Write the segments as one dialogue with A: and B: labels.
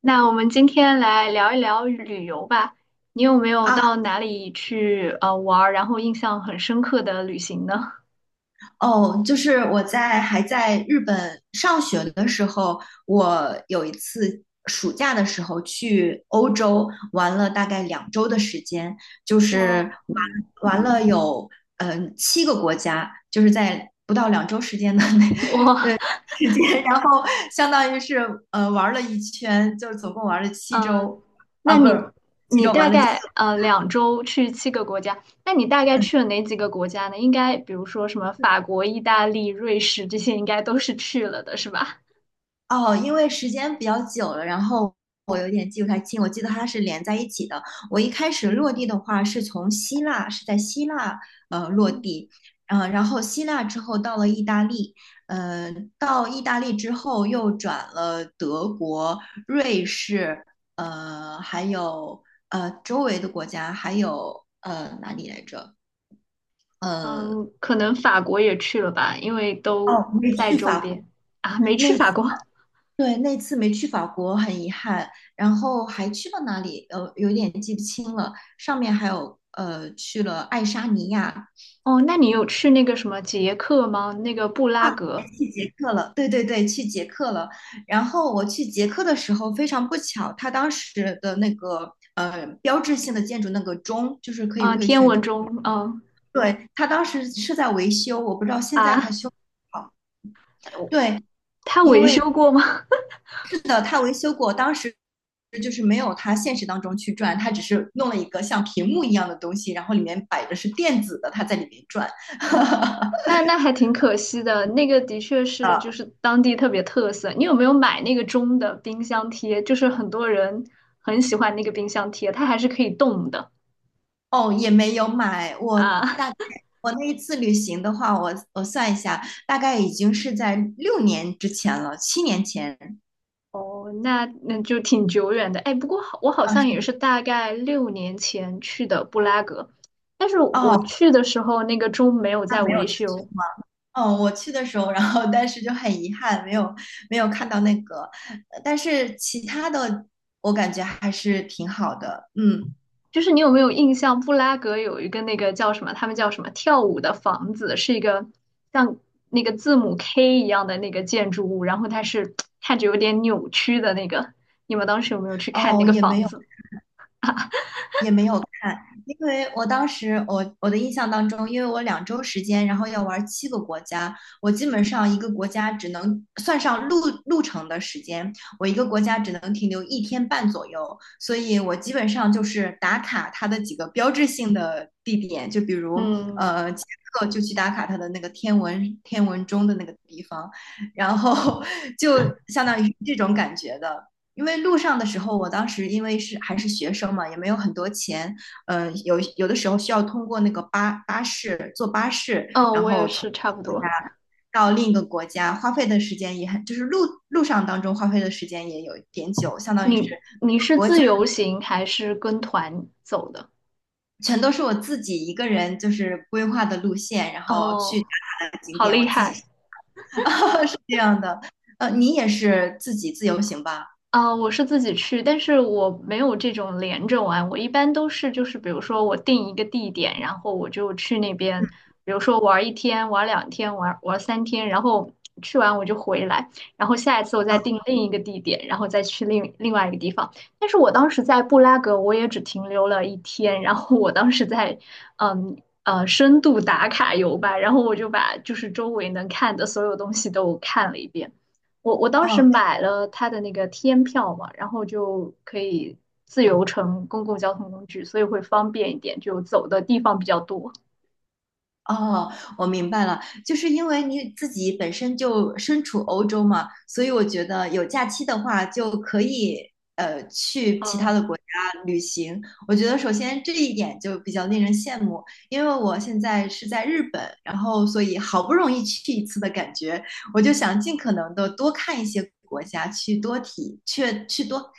A: 那我们今天来聊一聊旅游吧。你有没有
B: 啊，
A: 到哪里去玩儿，然后印象很深刻的旅行呢？
B: 哦，就是还在日本上学的时候，我有一次暑假的时候去欧洲玩了大概两周的时间，就 是
A: 哇，嗯
B: 玩了有七个国家，就是在不到两周时间的 那
A: 我，
B: 时间，然后相当于是玩了一圈，就是总共玩了七
A: 嗯、
B: 周。啊，
A: 那
B: 不
A: 你
B: 是七
A: 你
B: 周，
A: 大
B: 玩了。
A: 概2周去7个国家，那你大概去了哪几个国家呢？应该比如说什么法国、意大利、瑞士这些，应该都是去了的，是吧？
B: 哦，因为时间比较久了，然后我有点记不太清，我记得它是连在一起的。我一开始落地的话是从希腊，是在希腊
A: 哦，
B: 落地，然后希腊之后到了意大利，到意大利之后又转了德国、瑞士，还有周围的国家。还有哪里来着？呃，
A: 嗯，可能法国也去了吧，因为都
B: 哦，没
A: 在
B: 去
A: 周
B: 法国。
A: 边啊，没去
B: 那
A: 法
B: 次
A: 国。
B: 对，那次没去法国，很遗憾。然后还去了哪里？有点记不清了。上面还有去了爱沙尼亚，
A: 哦，那你有去那个什么捷克吗？那个布拉格，
B: 去捷克了。对对对，去捷克了。然后我去捷克的时候，非常不巧，它当时的那个标志性的建筑那个钟，就是可以
A: 啊，
B: 会
A: 天
B: 旋
A: 文
B: 转。
A: 钟。嗯。
B: 对，它当时是在维修，我不知道现在它
A: 啊，
B: 修好。
A: 我
B: 对，
A: 他维修过吗？
B: 的，他维修过。当时就是没有他现实当中去转，他只是弄了一个像屏幕一样的东西，然后里面摆的是电子的，他在里面转。
A: 哦天，那还挺可惜的。那个的确是就是当地特别特色。你有没有买那个钟的冰箱贴？就是很多人很喜欢那个冰箱贴，它还是可以动的
B: 哦，也没有买，我
A: 啊。
B: 大概我那一次旅行的话，我算一下，大概已经是在6年之前了，7年前。
A: 哦，那就挺久远的。哎，不过我好
B: 啊，是
A: 像也是大概6年前去的布拉格，但是我
B: 哦，
A: 去的时候那个钟没有
B: 他
A: 在
B: 没有
A: 维
B: 再去
A: 修。
B: 吗？哦，我去的时候，然后但是就很遗憾，没有看到那个，但是其他的我感觉还是挺好的。嗯，
A: 就是你有没有印象，布拉格有一个那个叫什么，他们叫什么跳舞的房子，是一个像那个字母 K 一样的那个建筑物，然后它是看着有点扭曲的那个。你们当时有没有去看那
B: 哦，
A: 个房子？
B: 也没有看，因为我当时我的印象当中，因为我两周时间，然后要玩七个国家，我基本上一个国家只能算上路程的时间，我一个国家只能停留一天半左右，所以我基本上就是打卡它的几个标志性的地点，就比如
A: 嗯，
B: 捷克就去打卡它的那个天文钟的那个地方，然后 就相当于这种感觉的。因为路上的时候，我当时因为还是学生嘛，也没有很多钱。嗯，有的时候需要通过那个巴士坐巴士，
A: 哦，
B: 然
A: 我也
B: 后从
A: 是差不多。
B: 到另一个国家，花费的时间也很，就是路上当中花费的时间也有一点久，相当于是
A: 你是自由行还是跟团走的？
B: 全都是我自己一个人就是规划的路线，然后去
A: 哦，
B: 打卡的景
A: 好
B: 点，我
A: 厉
B: 自
A: 害。
B: 己 是这样的。你也是自己自由行吧？
A: 啊，我是自己去，但是我没有这种连着玩。我一般都是就是，比如说我定一个地点，然后我就去那边，比如说玩一天、玩两天、玩三天，然后去完我就回来，然后下一次我再
B: 啊，
A: 定另一个地点，然后再去另外一个地方。但是我当时在布拉格，我也只停留了一天，然后我当时在嗯深度打卡游吧，然后我就把就是周围能看的所有东西都看了一遍。我当时
B: 哦，
A: 买了它的那个天票嘛，然后就可以自由乘公共交通工具，所以会方便一点，就走的地方比较多。
B: 哦，我明白了，就是因为你自己本身就身处欧洲嘛，所以我觉得有假期的话就可以去其他
A: 嗯
B: 的国家旅行。我觉得首先这一点就比较令人羡慕，因为我现在是在日本，然后所以好不容易去一次的感觉，我就想尽可能的多看一些国家，去多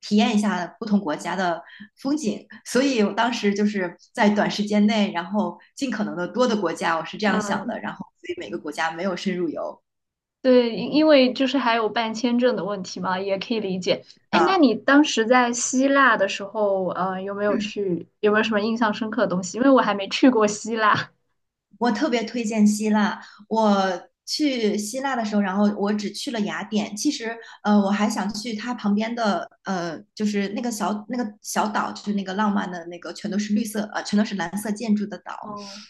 B: 体验一下不同国家的风景。所以我当时就是在短时间内，然后尽可能的多的国家，我是这样想的。
A: 嗯，
B: 然后所以每个国家没有深入游
A: 对，因为就是还有办签证的问题嘛，也可以理解。哎，那
B: 啊。
A: 你当时在希腊的时候，有没有
B: 嗯，
A: 去，有没有什么印象深刻的东西？因为我还没去过希腊。
B: 我特别推荐希腊。去希腊的时候，然后我只去了雅典。其实，我还想去它旁边的，就是那个小岛，就是那个浪漫的那个，全都是绿色，全都是蓝色建筑的岛。
A: 哦，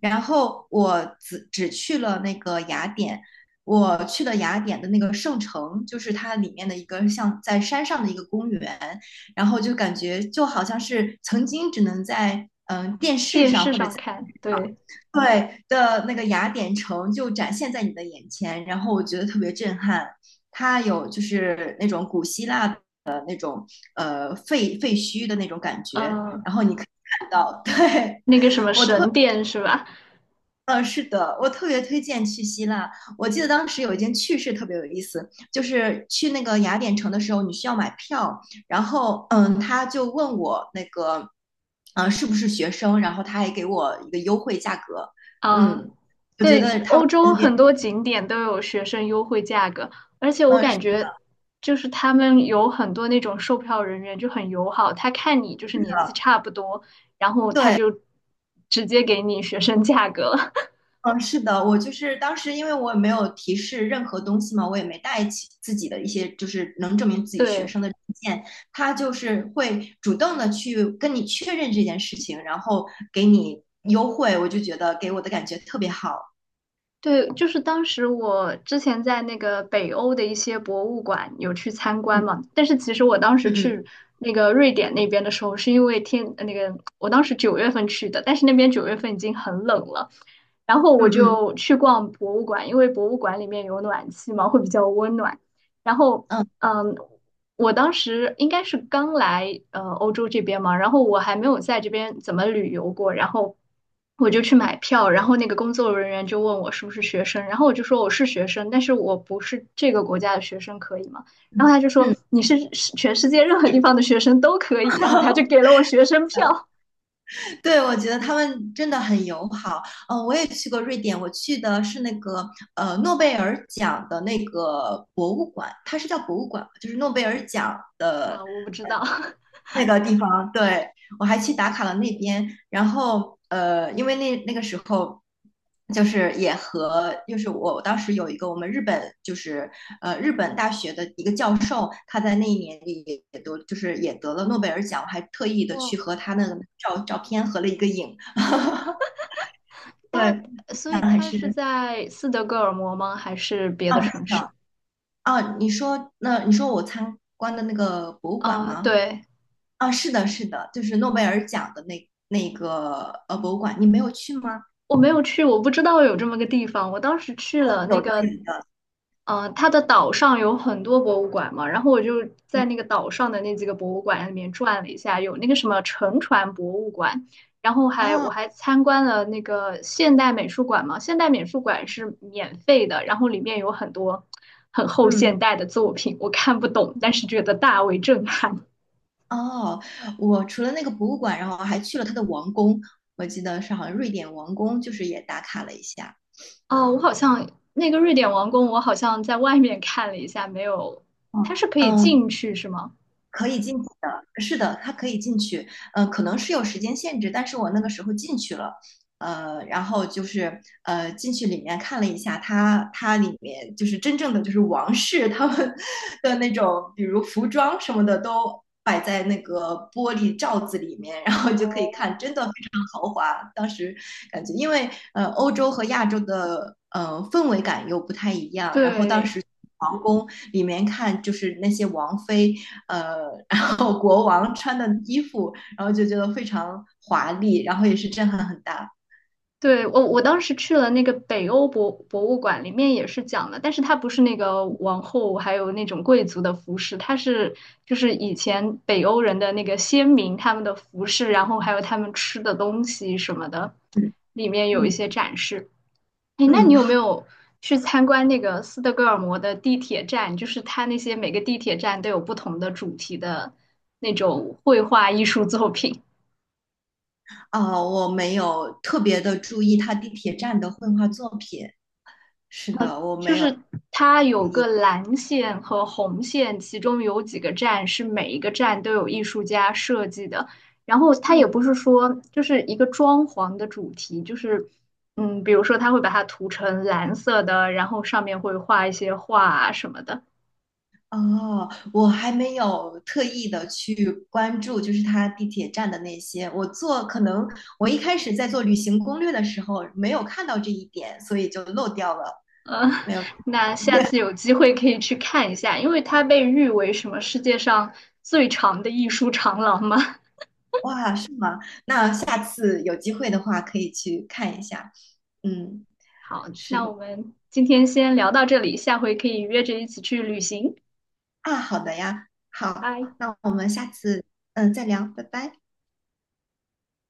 B: 然后我只去了那个雅典，我去了雅典的那个圣城，就是它里面的一个像在山上的一个公园，然后就感觉就好像是曾经只能在电视
A: 电
B: 上
A: 视
B: 或者
A: 上
B: 在，
A: 看，对，
B: 对，的那个雅典城就展现在你的眼前，然后我觉得特别震撼。它有就是那种古希腊的那种废墟的那种感觉，
A: 嗯、
B: 然后你可以看到。对，
A: 那个什么
B: 我特
A: 神殿是吧？
B: 嗯，是的，我特别推荐去希腊。我记得当时有一件趣事特别有意思，就是去那个雅典城的时候，你需要买票，然后他就问我那个，是不是学生，然后他还给我一个优惠价格。
A: 嗯、
B: 嗯，我觉
A: 对，
B: 得他们
A: 欧洲
B: 那边，
A: 很多景点都有学生优惠价格，而且我
B: 嗯，
A: 感
B: 是，
A: 觉就是他们有很多那种售票人员就很友好，他看你就是年纪差不多，然后他
B: 对，
A: 就直接给你学生价格了。
B: 嗯，是的，我就是当时因为我也没有提示任何东西嘛，我也没带起自己的一些就是能证明自己学
A: 对，
B: 生的证件，他就是会主动的去跟你确认这件事情，然后给你优惠，我就觉得给我的感觉特别好。
A: 对，就是当时我之前在那个北欧的一些博物馆有去参观
B: 嗯
A: 嘛，但是其实我当时
B: 嗯
A: 去那个瑞典那边的时候，是因为那个我当时九月份去的，但是那边九月份已经很冷了，然后
B: 嗯
A: 我
B: 嗯
A: 就去逛博物馆，因为博物馆里面有暖气嘛，会比较温暖。然后，
B: 嗯
A: 嗯，我当时应该是刚来欧洲这边嘛，然后我还没有在这边怎么旅游过，然后我就去买票，然后那个工作人员就问我是不是学生，然后我就说我是学生，但是我不是这个国家的学生，可以吗？然
B: 嗯
A: 后他就
B: 嗯
A: 说
B: 嗯，
A: 你是全世界任何地方的学生都可以，然后他就给 了我学生票
B: 对，我觉得他们真的很友好。我也去过瑞典，我去的是那个诺贝尔奖的那个博物馆，它是叫博物馆吗？就是诺贝尔奖的
A: 啊，我不知道，
B: 那个地方。对，我还去打卡了那边，然后因为那个时候就是也和就是我当时有一个我们日本就是日本大学的一个教授，他在那一年里也都就是也得了诺贝尔奖，我还特意的去
A: 哇，
B: 和他那个照照片合了一个影。
A: 他
B: 对，是
A: 所以他是在斯德哥尔摩吗？还是别的城
B: 的。
A: 市？
B: 啊，你说我参观的那个博物馆
A: 啊，
B: 吗？
A: 对。
B: 啊，是的，是的，就是诺贝尔奖的那个博物馆，你没有去吗？
A: 我没有去，我不知道有这么个地方。我当时去
B: 哦，
A: 了那
B: 有的，
A: 个，
B: 有的。
A: 它的岛上有很多博物馆嘛，然后我就在那个岛上的那几个博物馆里面转了一下，有那个什么沉船博物馆，然后我
B: 哦，
A: 还参观了那个现代美术馆嘛，现代美术馆是免费的，然后里面有很多很后
B: 嗯，
A: 现代的作品，我看不懂，但是觉得大为震撼。
B: 哦，我除了那个博物馆，然后还去了他的王宫，我记得是好像瑞典王宫，就是也打卡了一下。
A: 哦，我好像那个瑞典王宫，我好像在外面看了一下，没有，它
B: 嗯，
A: 是可以
B: 嗯，
A: 进去是吗？
B: 可以进去的，是的，他可以进去。嗯、可能是有时间限制，但是我那个时候进去了，然后就是进去里面看了一下它，它里面就是真正的就是王室他们 的那种，比如服装什么的都摆在那个玻璃罩子里面，然后就可以
A: 哦，
B: 看，真的非常豪华。当时感觉，因为欧洲和亚洲的氛围感又不太一样。然后当
A: 对
B: 时皇宫里面看，就是那些王妃，呃，然后国王穿的衣服，然后就觉得非常华丽，然后也是震撼很大。
A: 对，我当时去了那个北欧博物馆，里面也是讲了，但是它不是那个王后还有那种贵族的服饰，它是就是以前北欧人的那个先民他们的服饰，然后还有他们吃的东西什么的，
B: 嗯
A: 里面有一
B: 嗯
A: 些展示。哎，那你
B: 嗯，
A: 有没有去参观那个斯德哥尔摩的地铁站？就是它那些每个地铁站都有不同的主题的那种绘画艺术作品。
B: 啊、我没有特别的注意他地铁站的绘画作品。是的，我
A: 就
B: 没有
A: 是它
B: 注
A: 有个
B: 意。
A: 蓝线和红线，其中有几个站是每一个站都有艺术家设计的。然后它
B: 嗯。
A: 也不是说就是一个装潢的主题，就是比如说它会把它涂成蓝色的，然后上面会画一些画啊什么的。
B: 哦，我还没有特意的去关注，就是它地铁站的那些。可能我一开始在做旅行攻略的时候没有看到这一点，所以就漏掉了。
A: 嗯，
B: 没 有，
A: 那下次有机会可以去看一下，因为它被誉为什么世界上最长的艺术长廊嘛。
B: 哇，是吗？那下次有机会的话可以去看一下。嗯，
A: 好，
B: 是
A: 那
B: 的。
A: 我们今天先聊到这里，下回可以约着一起去旅行。
B: 啊，好的呀，好，
A: 拜。
B: 那我们下次再聊，拜拜。